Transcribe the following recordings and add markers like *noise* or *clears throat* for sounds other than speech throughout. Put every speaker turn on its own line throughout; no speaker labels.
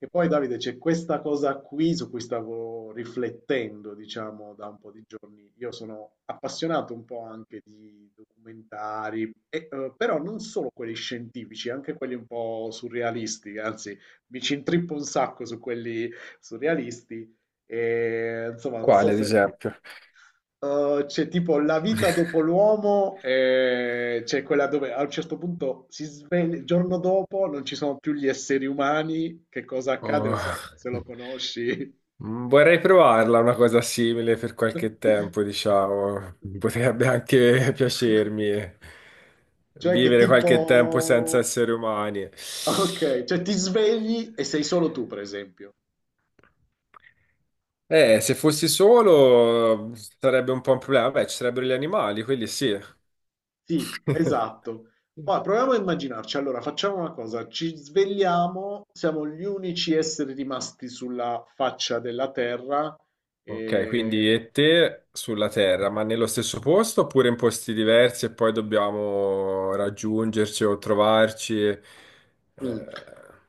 E poi Davide, c'è questa cosa qui su cui stavo riflettendo, diciamo, da un po' di giorni. Io sono appassionato un po' anche di documentari, però non solo quelli scientifici, anche quelli un po' surrealisti, anzi, mi ci intrippo un sacco su quelli surrealisti. E, insomma, non so
Quale, ad
se
esempio?
C'è tipo la vita dopo l'uomo, c'è quella dove a un certo punto si sveglia, il giorno dopo non ci sono più gli esseri umani, che cosa accade? Non so
Oh.
se
*laughs*
lo conosci.
Vorrei provarla una cosa simile per qualche tempo,
*laughs*
diciamo. Potrebbe anche *laughs* piacermi.
Cioè che
Vivere qualche tempo senza
tipo...
esseri umani.
Ok, cioè ti svegli e sei solo tu, per esempio.
Se fossi solo sarebbe un po' un problema. Beh, ci sarebbero gli animali, quelli sì.
Sì, esatto. Ma
*laughs*
proviamo a immaginarci. Allora, facciamo una cosa, ci svegliamo, siamo gli unici esseri rimasti sulla faccia della Terra.
Ok, quindi
E...
e te sulla Terra, ma nello stesso posto oppure in posti diversi e poi dobbiamo raggiungerci o trovarci?
Mm.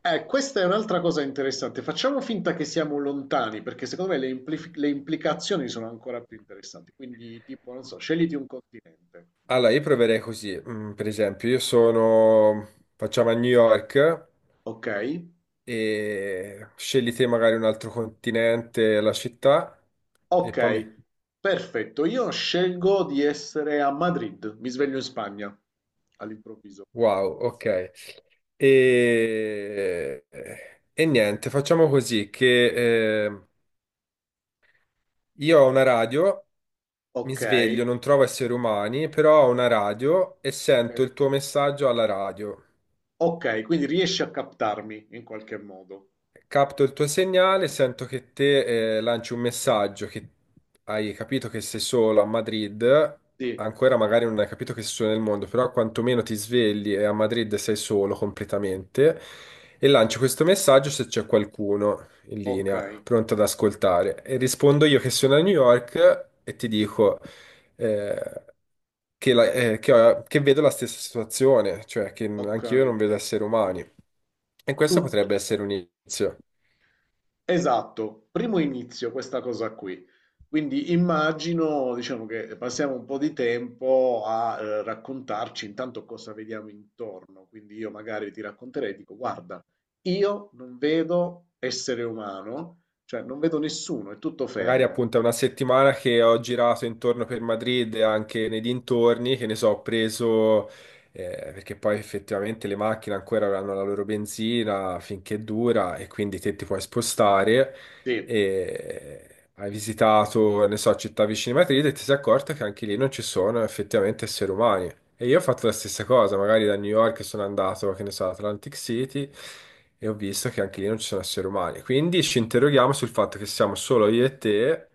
Questa è un'altra cosa interessante. Facciamo finta che siamo lontani, perché secondo me le implicazioni sono ancora più interessanti. Quindi, tipo, non so, scegliti un continente. Dove
Allora,
vuoi
io
essere?
proverei così. Per esempio, io sono, facciamo a New York
Ok,
e scegli te magari un altro continente, la città e
ok,
poi mi...
perfetto. Io scelgo di essere a Madrid, mi sveglio in Spagna all'improvviso.
Wow, ok. E, e niente, facciamo così che... io ho una radio, mi sveglio,
Okay,
non trovo esseri umani, però ho una radio e sento
okay.
il tuo messaggio alla radio.
Okay, quindi riesci a captarmi in qualche modo.
Capto il tuo segnale, sento che te lanci un messaggio che hai capito che sei solo a Madrid,
Sì,
ancora magari non hai capito che sei solo nel mondo, però quantomeno ti svegli e a Madrid sei solo completamente e lancio questo messaggio se c'è qualcuno in linea,
okay,
pronto ad ascoltare. E rispondo io che sono a New York e ti dico... eh, che vedo la stessa situazione, cioè che anch'io
okay.
non vedo esseri umani. E questo
Tutto
potrebbe essere un inizio.
esatto, primo inizio questa cosa qui. Quindi immagino, diciamo che passiamo un po' di tempo a, raccontarci intanto cosa vediamo intorno. Quindi io magari ti racconterei, dico: "Guarda, io non vedo essere umano, cioè non vedo nessuno, è tutto
Magari
fermo".
appunto è una settimana che ho girato intorno per Madrid e anche nei dintorni, che ne so, ho preso, perché poi effettivamente le macchine ancora avranno la loro benzina finché dura e quindi te ti puoi spostare.
Sì,
E hai visitato, ne so, città vicine a Madrid e ti sei accorta che anche lì non ci sono effettivamente esseri umani. E io ho fatto la stessa cosa, magari da New York sono andato, che ne so, ad Atlantic City e ho visto che anche lì non ci sono esseri umani. Quindi ci interroghiamo sul fatto che siamo solo io e te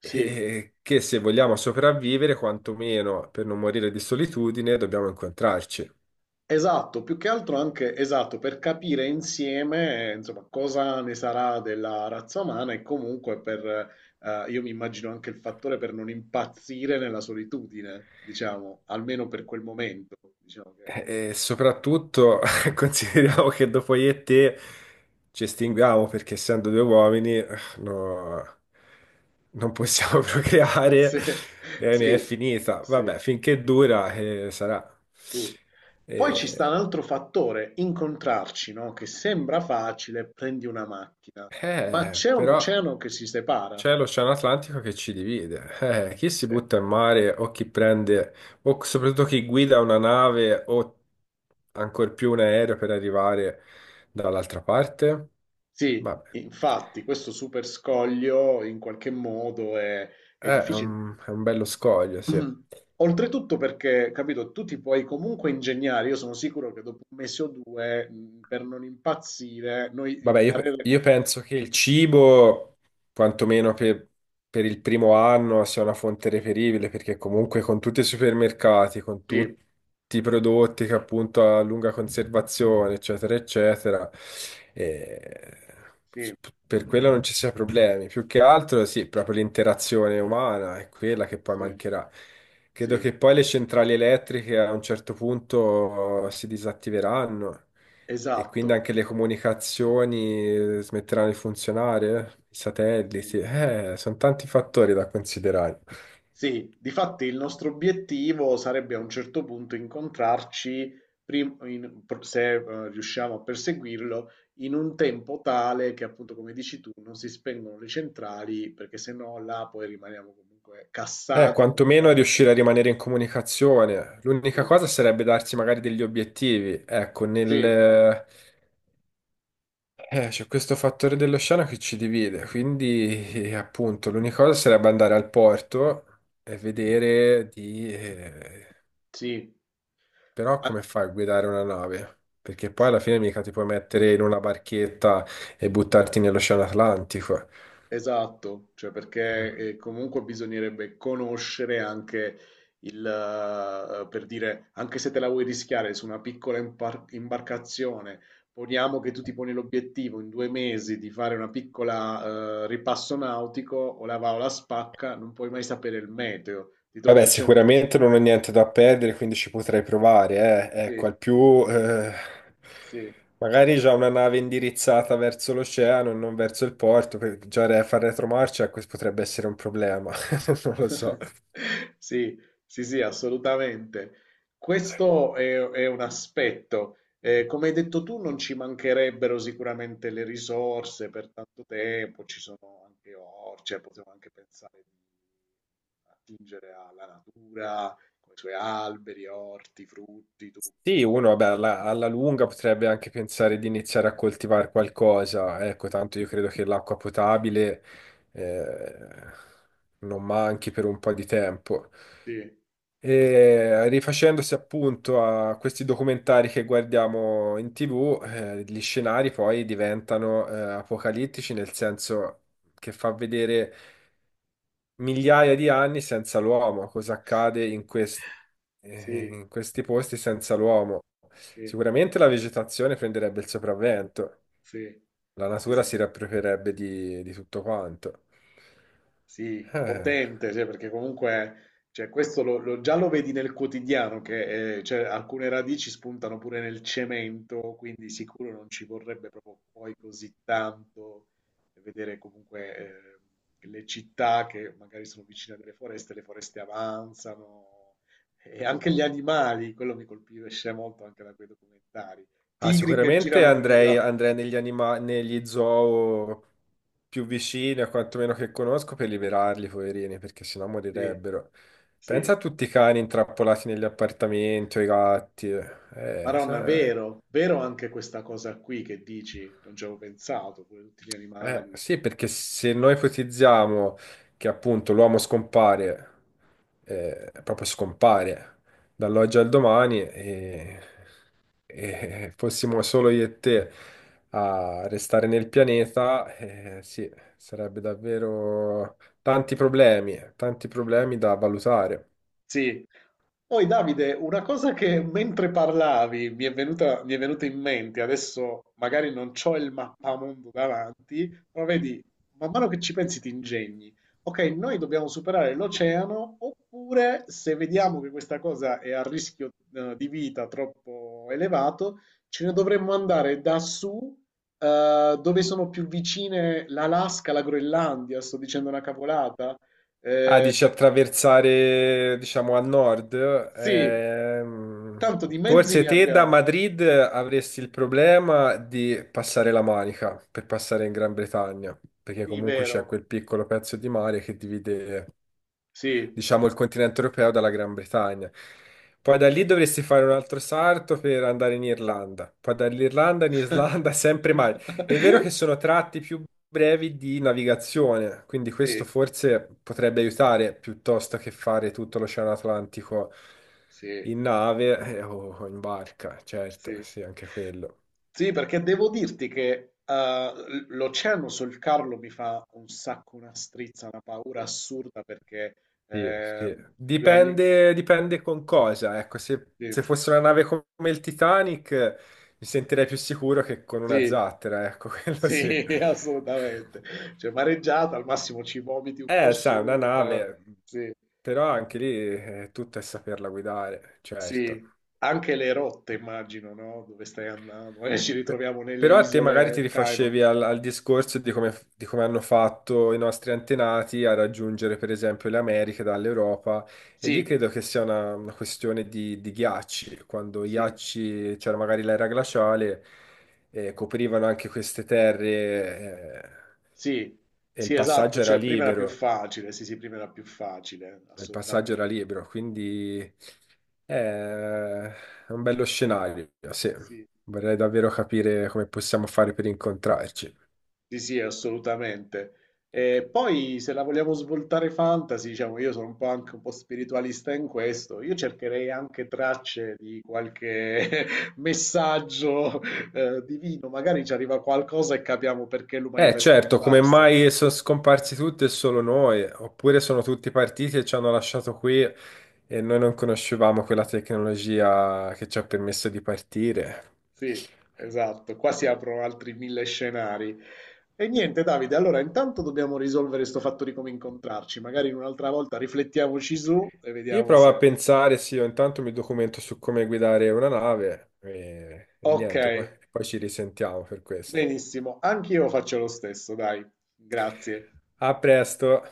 sì.
e che se vogliamo sopravvivere, quantomeno per non morire di solitudine, dobbiamo incontrarci.
Esatto, più che altro anche esatto, per capire insieme, insomma, cosa ne sarà della razza umana e comunque per, io mi immagino anche il fattore per non impazzire nella solitudine, diciamo, almeno per quel momento, diciamo che
E soprattutto *laughs* consideriamo che dopo io e te ci estinguiamo perché essendo due uomini no, non possiamo *laughs* procreare
sì,
e mi è
sì,
finita.
sì,
Vabbè, finché dura sarà.
sì. Poi ci
Eh,
sta un altro fattore, incontrarci, no? Che sembra facile, prendi una macchina, ma c'è un
però
oceano che si separa.
c'è l'Oceano Atlantico che ci divide. Chi si
Sì.
butta in mare o chi prende, o soprattutto chi guida una nave o ancora più un aereo per arrivare dall'altra parte?
Sì,
Vabbè,
infatti questo super scoglio in qualche modo è
eh,
difficile.
è un bello scoglio, sì.
*clears throat* Oltretutto perché, capito, tu ti puoi comunque ingegnare, io sono sicuro che dopo un mese o due, per non impazzire, noi
Vabbè,
impareremo...
io penso che il cibo, quantomeno per, per il primo anno, sia una fonte reperibile, perché comunque con tutti i supermercati, con
Sì,
tutti i prodotti che appunto a lunga conservazione, eccetera, eccetera, eh,
sì,
per quello non ci sia problemi. Più che altro, sì, proprio l'interazione umana è quella che poi
sì,
mancherà. Credo
sì,
che poi le centrali elettriche a un certo punto si disattiveranno. E quindi
esatto.
anche le comunicazioni smetteranno di funzionare? I
Sì.
satelliti? Sono tanti fattori da considerare.
Sì, difatti il nostro obiettivo sarebbe a un certo punto incontrarci, se riusciamo a perseguirlo, in un tempo tale che appunto, come dici tu, non si spengono le centrali, perché se no là poi rimaniamo comunque cassati
Quantomeno
completamente.
riuscire a rimanere in comunicazione. L'unica
Sì,
cosa sarebbe darsi magari degli obiettivi. Ecco,
sì,
nel... c'è questo fattore dell'oceano che ci divide, quindi appunto l'unica cosa sarebbe andare al porto e vedere di...
sì.
però
An-
come fai a guidare una nave? Perché poi alla fine mica ti puoi mettere in una barchetta e buttarti nell'Oceano Atlantico.
Esatto, cioè perché comunque bisognerebbe conoscere anche il, per dire, anche se te la vuoi rischiare su una piccola imbarcazione, poniamo che tu ti poni l'obiettivo in 2 mesi di fare una piccola ripasso nautico, o la va o la spacca, non puoi mai sapere il meteo, ti trovi
Vabbè,
al centro.
sicuramente non ho niente da perdere, quindi ci potrei provare, eh. Ecco, al
Sì,
più,
sì.
magari già una nave indirizzata verso l'oceano e non verso il porto, perché già far retromarcia questo potrebbe essere un problema, *laughs* non lo so.
*laughs* Sì, sì, sì, assolutamente. È un aspetto. Come hai detto tu, non ci mancherebbero sicuramente le risorse per tanto tempo, ci sono anche orti, cioè possiamo anche pensare di attingere alla natura, con i suoi alberi, orti, frutti, tutto.
Sì, uno
Quello-
vabbè, alla lunga potrebbe anche pensare di iniziare a coltivare qualcosa. Ecco, tanto io credo che l'acqua potabile eh, non manchi per un po' di tempo.
sì,
E rifacendosi appunto a questi documentari che guardiamo in TV, gli scenari poi diventano apocalittici, nel senso che fa vedere migliaia di anni senza l'uomo, cosa accade in
sì,
in questi posti senza l'uomo.
sì,
Sicuramente la vegetazione prenderebbe il sopravvento,
sì,
la
sì,
natura
sì.
si riapproprierebbe di tutto quanto.
Sì,
Eh.
potente, cioè, perché comunque cioè, questo già lo vedi nel quotidiano, che cioè, alcune radici spuntano pure nel cemento, quindi sicuro non ci vorrebbe proprio poi così tanto vedere comunque le città che magari sono vicine a delle foreste, le foreste avanzano, e anche gli animali, quello mi colpisce molto anche da quei documentari,
Ah,
tigri che
sicuramente
girano per le...
andrei,
*laughs*
negli zoo più vicini, a quantomeno che conosco, per liberarli, poverini, perché sennò
Sì,
morirebbero.
sì.
Pensa a tutti i cani intrappolati negli appartamenti o i gatti.
Madonna,
Se-
vero, vero anche questa cosa qui che dici, non ci avevo pensato, pure tutti gli
eh,
animali.
sì, perché se noi ipotizziamo che appunto l'uomo scompare, proprio scompare
Sì.
dall'oggi al domani e fossimo solo io e te a restare nel pianeta, sì, sarebbe davvero tanti problemi da valutare.
Sì. Poi Davide, una cosa che mentre parlavi mi è venuta in mente, adesso magari non c'ho il mappamondo davanti, però vedi, man mano che ci pensi ti ingegni. Ok, noi dobbiamo superare l'oceano, oppure se vediamo che questa cosa è a rischio di vita troppo elevato, ce ne dovremmo andare da su, dove sono più vicine l'Alaska, la Groenlandia, sto dicendo una cavolata.
Ah,
Eh,
dici attraversare, diciamo, a nord.
sì,
Ehm,
tanto di mezzi
forse
ne
te da
abbiamo.
Madrid avresti il problema di passare la Manica per passare in Gran Bretagna, perché
Sì,
comunque c'è
vero.
quel piccolo pezzo di mare che divide
Sì.
diciamo, il continente europeo dalla Gran Bretagna. Poi da lì dovresti fare un altro salto per andare in Irlanda, poi dall'Irlanda in Islanda, *laughs* sempre mare. È vero
*laughs*
che sono tratti più brevi di navigazione, quindi questo
Sì,
forse potrebbe aiutare piuttosto che fare tutto l'Oceano Atlantico
sì,
in nave o in barca, certo,
sì.
sì, anche quello.
Sì, perché devo dirti che l'oceano sul Carlo mi fa un sacco una strizza, una paura assurda perché
Sì,
eh,
sì.
2 anni...
Dipende, dipende con cosa. Ecco,
Sì,
se fosse una nave come il Titanic, mi sentirei più sicuro che con una
sì,
zattera, ecco, *laughs* quello
sì,
sì.
*laughs* assolutamente. Cioè, mareggiata, al massimo ci vomiti un po'
Sai, una
su, però...
nave,
Sì.
però anche lì tutto è saperla guidare, certo.
Sì, anche le rotte immagino, no? Dove stai andando? Ci ritroviamo nelle
Però a te magari ti
isole Cayman.
rifaccevi al discorso di come hanno fatto i nostri antenati a raggiungere per esempio le Americhe dall'Europa e lì
Sì,
credo che sia una questione di ghiacci, quando i
sì,
ghiacci, c'era magari l'era glaciale, coprivano anche queste terre
sì,
e il
sì, esatto,
passaggio era
cioè prima era più
libero,
facile, sì, sì, prima era più facile,
il passaggio era
assolutamente.
libero, quindi è un bello scenario, sì.
Sì.
Vorrei davvero capire come possiamo fare per incontrarci.
Sì, sì, assolutamente. E poi se la vogliamo svoltare fantasy, diciamo, io sono un po' anche un po' spiritualista in questo, io cercherei anche tracce di qualche *laughs* messaggio divino, magari ci arriva qualcosa e capiamo perché
Eh
l'umanità è
certo, come
scomparsa.
mai sono scomparsi tutti e solo noi? Oppure sono tutti partiti e ci hanno lasciato qui e noi non conoscevamo quella tecnologia che ci ha permesso di partire?
Sì, esatto, qua si aprono altri mille scenari. E niente, Davide, allora intanto dobbiamo risolvere questo fatto di come incontrarci, magari un'altra volta riflettiamoci su e
Io
vediamo
provo a
se...
pensare, sì, io intanto mi documento su come guidare una nave e
Ok.
niente, poi, poi ci risentiamo per questo.
Benissimo, anch'io faccio lo stesso, dai, grazie.
A presto!